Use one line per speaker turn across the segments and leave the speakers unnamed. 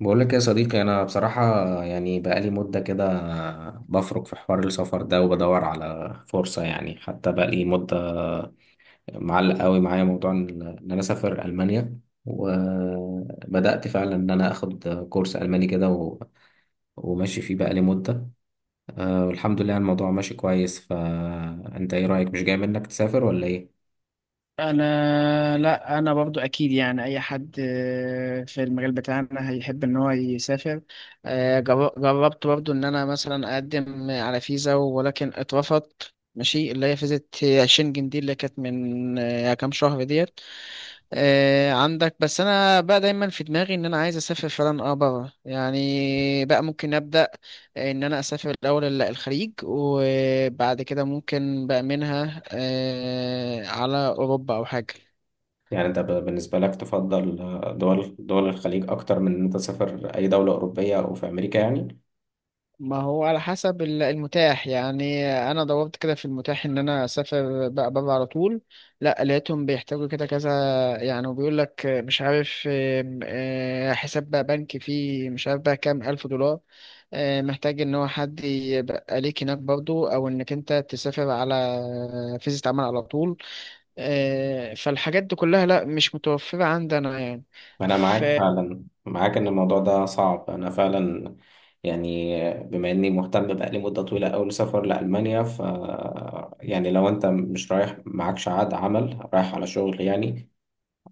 بقول لك يا صديقي، انا بصراحه يعني بقالي مده كده بفرك في حوار السفر ده وبدور على فرصه. يعني حتى بقالي مده معلق قوي معايا موضوع إن انا اسافر المانيا، وبدات فعلا ان انا اخد كورس الماني كده وماشي فيه بقالي مده. آه، والحمد لله الموضوع ماشي كويس. فانت ايه رايك؟ مش جاي منك تسافر ولا ايه؟
انا لا انا برضو اكيد، يعني اي حد، في المجال بتاعنا هيحب ان هو يسافر. جربت برضو ان انا مثلا اقدم على فيزا، ولكن اترفضت. ماشي، اللي هي فيزا شنجن دي اللي كانت من كام شهر ديت. عندك. بس انا بقى دايما في دماغي ان انا عايز اسافر فعلا بره، يعني بقى ممكن ابدا ان انا اسافر الاول الخليج، وبعد كده ممكن بقى منها على اوروبا او حاجه.
يعني انت بالنسبه لك تفضل دول الخليج اكتر من ان انت تسافر اي دوله اوروبيه او في امريكا يعني؟
ما هو على حسب المتاح، يعني انا دورت كده في المتاح ان انا اسافر بقى بره على طول. لا، لقيتهم بيحتاجوا كده كذا، يعني وبيقول لك مش عارف آم، آه، حساب بقى بنكي فيه، مش عارف بقى كام الف دولار. محتاج ان هو حد يبقى ليك هناك برضو، او انك انت تسافر على فيزا عمل على طول. فالحاجات دي كلها لا مش متوفرة عندنا يعني.
أنا معاك فعلا، معاك إن الموضوع ده صعب. أنا فعلا يعني بما إني مهتم بقالي مدة طويلة أوي سفر لألمانيا، ف يعني لو أنت مش رايح معكش عقد عمل، رايح على شغل يعني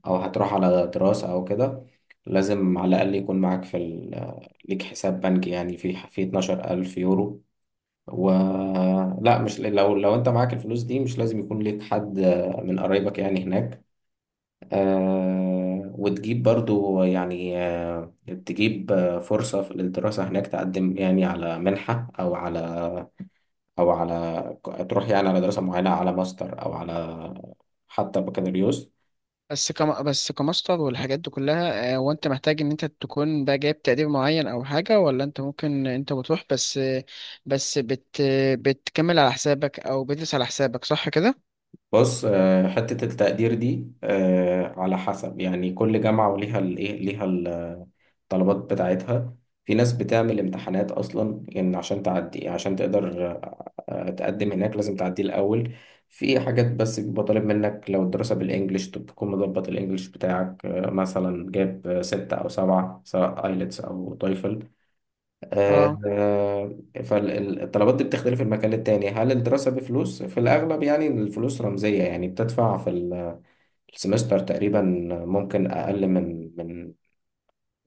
أو هتروح على دراسة أو كده، لازم على الأقل يكون معاك في ال... ليك حساب بنكي يعني في 12,000 يورو. و لا، مش لو لو أنت معاك الفلوس دي مش لازم يكون ليك حد من قرايبك يعني هناك. آه، وتجيب برضو يعني آه تجيب آه فرصة في الدراسة هناك، تقدم يعني على منحة أو على أو على تروح يعني على دراسة معينة على ماستر أو على حتى بكالوريوس.
بس كماستر والحاجات دي كلها، وانت محتاج ان انت تكون بقى جايب تقدير معين او حاجة؟ ولا انت ممكن انت بتروح بس بس بت بتكمل على حسابك او بتدرس على حسابك، صح كده؟
بص، آه حتة التقدير دي آه على حسب، يعني كل جامعة وليها الإيه ليها الطلبات بتاعتها. في ناس بتعمل امتحانات اصلا يعني عشان تعدي، عشان تقدر تقدم هناك لازم تعدي الاول. في حاجات بس بيبقى طالب منك، لو الدراسة بالانجلش تكون مضبط الانجليش بتاعك، مثلا جاب ستة او سبعة، سواء ايلتس او تويفل.
اه.
فالطلبات دي بتختلف من مكان للتاني. هل الدراسة بفلوس؟ في الأغلب يعني الفلوس رمزية، يعني بتدفع في السمستر تقريبا. ممكن أقل من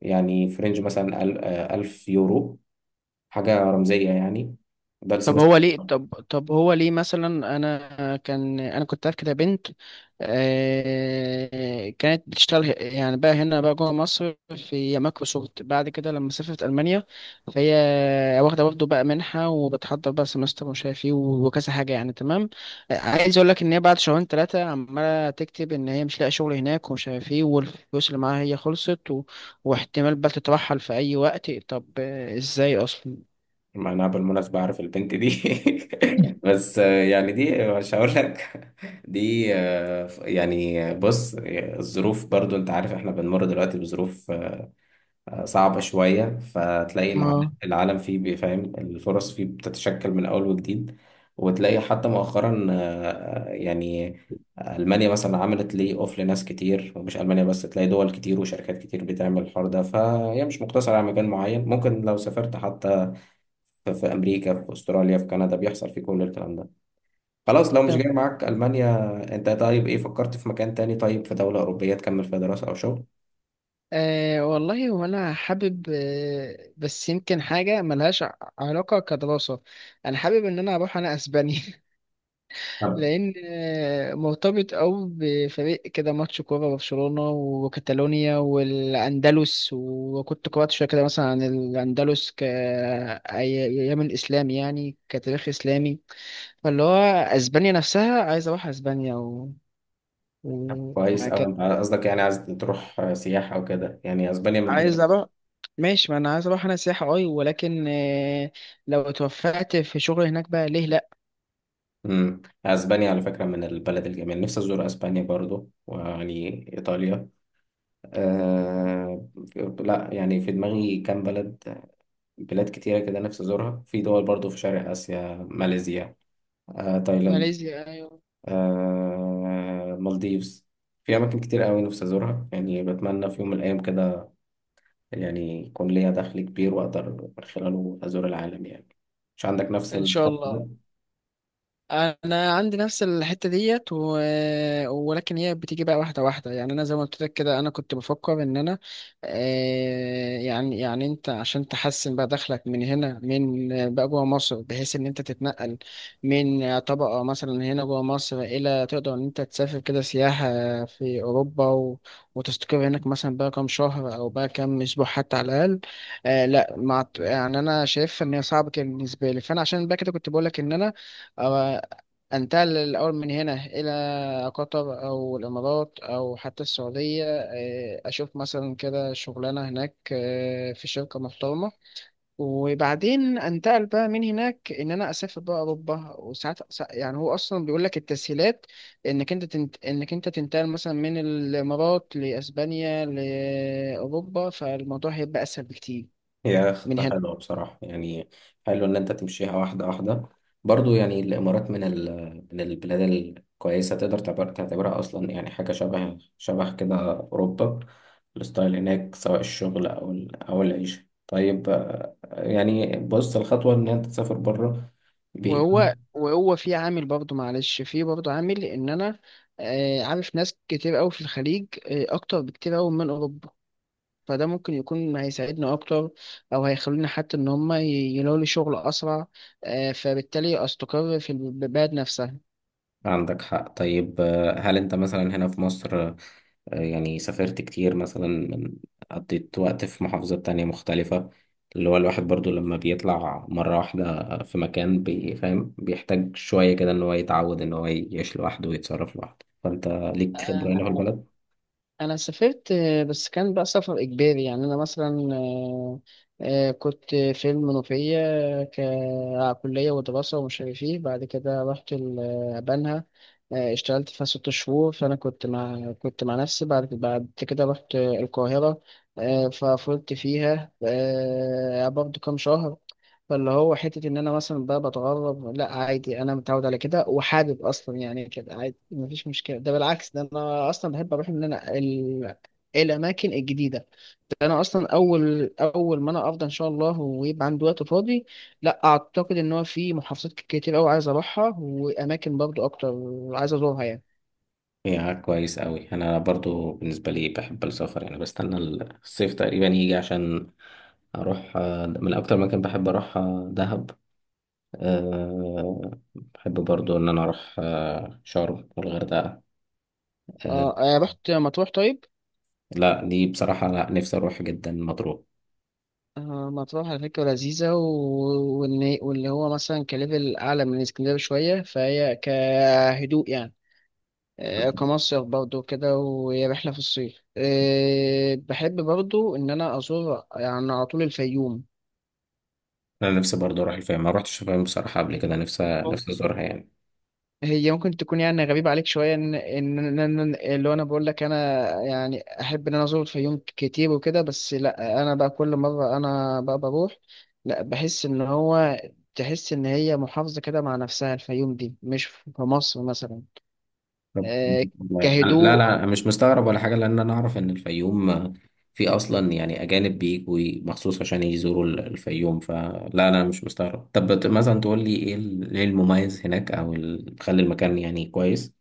يعني في رينج مثلا 1000 يورو، حاجة رمزية يعني. ده
طب
السمستر.
هو ليه، طب هو ليه مثلا؟ انا كنت عارف كده بنت، كانت بتشتغل يعني بقى هنا بقى جوه مصر في مايكروسوفت. بعد كده لما سافرت المانيا، فهي واخده برضه بقى منحه، وبتحضر بقى سمستر ومش عارف ايه وكذا حاجه يعني. تمام، عايز اقول لك ان هي بعد شهرين ثلاثه عماله تكتب ان هي مش لاقي شغل هناك ومش عارف ايه، والفلوس اللي معاها هي خلصت، و... واحتمال بقى تترحل في اي وقت. طب ازاي اصلا؟
أنا بالمناسبة عارف البنت دي بس، يعني دي مش هقول لك. دي يعني بص، الظروف برضو أنت عارف إحنا بنمر دلوقتي بظروف صعبة شوية. فتلاقي
اه.
العالم فيه بيفهم، الفرص فيه بتتشكل من أول وجديد. وتلاقي حتى مؤخرا، يعني ألمانيا مثلا عملت لي أوف لناس كتير، ومش ألمانيا بس، تلاقي دول كتير وشركات كتير بتعمل الحوار ده. فهي مش مقتصرة على مكان معين، ممكن لو سافرت حتى في أمريكا، في أستراليا، في كندا بيحصل في كل الكلام ده. خلاص، لو مش جاي معاك ألمانيا، أنت طيب إيه فكرت في مكان تاني؟ طيب في دولة أوروبية تكمل فيها دراسة أو شغل؟
والله وانا حابب. بس يمكن حاجه ملهاش علاقه كدراسه. انا حابب ان انا اروح انا اسبانيا لان مرتبط او بفريق كده، ماتش كوره، برشلونه وكاتالونيا والاندلس. وكنت قرات شويه كده مثلا عن الاندلس يمن اسلامي، يعني كتاريخ اسلامي، فاللي هو اسبانيا نفسها عايز اروح اسبانيا. و...
كويس أوي.
وهكذا،
أنت قصدك يعني عايز تروح سياحة أو كده يعني؟ أسبانيا من الدول.
عايز اروح. ماشي، ما انا عايز اروح انا سياحة اي، ولكن لو اتوفقت في شغل هناك بقى، ليه لا؟
امم، أسبانيا على فكرة من البلد الجميل، نفسي أزور أسبانيا برضو، ويعني إيطاليا آه... لا يعني في دماغي كام بلد، بلاد كتيرة كده نفسي أزورها. في دول برضو في شرق آسيا، ماليزيا آه... تايلاند
ماليزيا، ايوه.
آه... مالديفز. في أماكن كتير أوي نفسي أزورها يعني، بتمنى في يوم من الأيام كده يعني يكون ليا دخل كبير وأقدر من خلاله أزور العالم يعني. مش عندك نفس
ان شاء
الشرط؟
الله. انا عندي نفس الحته ديت، و... ولكن هي بتيجي بقى واحده واحده يعني. انا زي ما قلت لك كده، انا كنت بفكر ان انا يعني، انت عشان تحسن بقى دخلك من هنا، من بقى جوه مصر، بحيث ان انت تتنقل من طبقه مثلا هنا جوه مصر الى تقدر ان انت تسافر كده سياحه في اوروبا، و... وتستقر هناك مثلا بقى كام شهر او بقى كام اسبوع، حتى على الاقل. آه لا مع... يعني انا شايف ان هي صعبه كده بالنسبه لي، فانا عشان بقى كده كنت بقول لك ان انا آه، انتقل الأول من هنا إلى قطر أو الإمارات أو حتى السعودية. أشوف مثلا كده شغلانة هناك، في شركة محترمة، وبعدين أنتقل بقى من هناك إن أنا أسافر بقى أوروبا. وساعات يعني هو أصلا بيقول لك التسهيلات إنك أنت تنتقل مثلا من الإمارات لأسبانيا لأوروبا، فالموضوع هيبقى أسهل بكتير
هي
من
خطة
هنا.
حلوة بصراحة يعني. حلو إن أنت تمشيها واحدة واحدة. برضو يعني الإمارات من ال... من البلاد الكويسة، تقدر تعتبرها أصلا يعني حاجة شبه كده أوروبا. الستايل هناك سواء الشغل أو ال... أو العيشة طيب. يعني بص الخطوة إن أنت تسافر بره.
وهو في برضه عامل ان انا عارف ناس كتير قوي في الخليج، اكتر بكتير قوي من اوروبا، فده ممكن يكون هيساعدنا اكتر، او هيخلونا حتى ان هم يلاقوا لي شغل اسرع، فبالتالي استقر في البلد نفسها.
عندك حق. طيب، هل انت مثلا هنا في مصر، يعني سافرت كتير مثلا من قضيت وقت في محافظة تانية مختلفة؟ اللي هو الواحد برضو لما بيطلع مرة واحدة في مكان بيفهم بيحتاج شوية كده ان هو يتعود ان هو يعيش لوحده ويتصرف لوحده. فانت ليك خبرة هنا في البلد؟
انا سافرت، بس كان بقى سفر اجباري. يعني انا مثلا كنت في المنوفيه ككليه ودراسه ومش عارف ايه. بعد كده رحت بنها، اشتغلت فيها 6 شهور، فانا كنت مع نفسي. بعد كده رحت القاهره، ففضلت فيها برضه كام شهر. فاللي هو حتة إن أنا مثلا بقى بتغرب، لا عادي، أنا متعود على كده وحابب أصلا يعني كده عادي مفيش مشكلة. ده بالعكس، ده أنا أصلا بحب أروح إن أنا الأماكن الجديدة. ده أنا أصلا أول أول ما أنا أفضى إن شاء الله ويبقى عندي وقت فاضي، لا أعتقد إن هو في محافظات كتير أوي عايز أروحها، وأماكن برضو أكتر عايز أزورها يعني.
يا كويس قوي. انا برضو بالنسبة لي بحب السفر يعني، بستنى الصيف تقريبا يجي عشان اروح. من اكتر مكان بحب اروح دهب. أه، بحب برضو إن أنا أروح شرم والغردقة. أه.
رحت مطروح، طيب.
لا دي بصراحة، لا نفسي أروح جدا مطروح.
مطروح على فكرة لذيذة، واللي هو مثلا كليفل أعلى من اسكندرية شوية، فهي كهدوء يعني، كمصيف برضو كده. وهي رحلة في الصيف، بحب برضو إن أنا أزور يعني على طول الفيوم.
أنا نفسي برضو أروح الفيوم، ما روحتش الفيوم بصراحة قبل كده. نفسي أزورها يعني.
هي ممكن تكون يعني غريبة عليك شوية، اللي هو أنا بقول لك أنا يعني أحب إن أنا أزور الفيوم كتير وكده. بس لأ، أنا بقى كل مرة أنا بقى بروح، لأ، بحس إن هو تحس إن هي محافظة كده مع نفسها، الفيوم دي مش في مصر مثلا.
طب-
آه،
والله. لا
كهدوء.
لا مش مستغرب ولا حاجة، لأن أنا أعرف إن الفيوم في أصلا يعني أجانب بيجوا مخصوص عشان يزوروا الفيوم، فلا لا مش مستغرب. طب مثلا تقول لي إيه إيه المميز هناك أو اللي مخلي المكان يعني كويس؟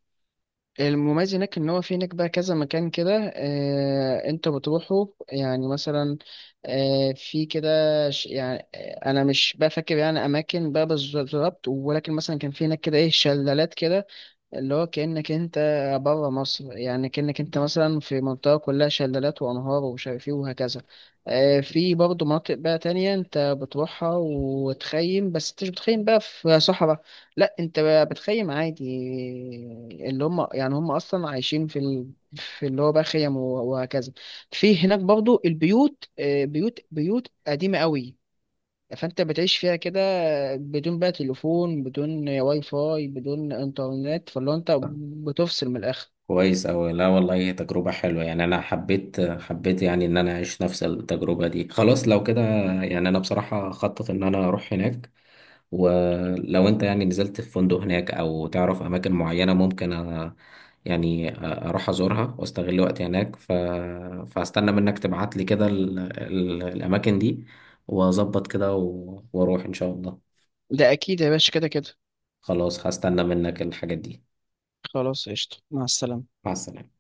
المميز هناك ان هو في هناك بقى كذا مكان كده، انت بتروحه، يعني مثلا في كده. يعني انا مش بقى فاكر يعني اماكن بقى بالظبط، ولكن مثلا كان في هناك كده ايه شلالات كده، اللي هو كأنك انت بره مصر، يعني كأنك انت مثلا في منطقة كلها شلالات وأنهار ومش عارف ايه وهكذا. في برضه مناطق بقى تانية انت بتروحها وتخيم، بس انت مش بتخيم بقى في صحراء، لا انت بقى بتخيم عادي، اللي هم يعني هم أصلا عايشين في اللي هو بقى خيم وهكذا. في هناك برضه البيوت، بيوت قديمة قوي، فانت بتعيش فيها كده بدون بقى تليفون، بدون واي فاي، بدون انترنت، فاللي هو انت بتفصل من الاخر.
كويس أوي. لا والله هي تجربة حلوة يعني، أنا حبيت يعني إن أنا أعيش نفس التجربة دي. خلاص لو كده يعني أنا بصراحة خطط إن أنا أروح هناك. ولو أنت يعني نزلت في فندق هناك أو تعرف أماكن معينة، ممكن أ... يعني أروح أزورها وأستغل وقتي هناك ف... فأستنى منك تبعت لي كده ال... ال... الأماكن دي، وأظبط كده و... وأروح إن شاء الله.
ده اكيد يا باشا، كده كده.
خلاص هستنى منك الحاجات دي.
خلاص، قشطة. مع السلامة.
مع السلامة.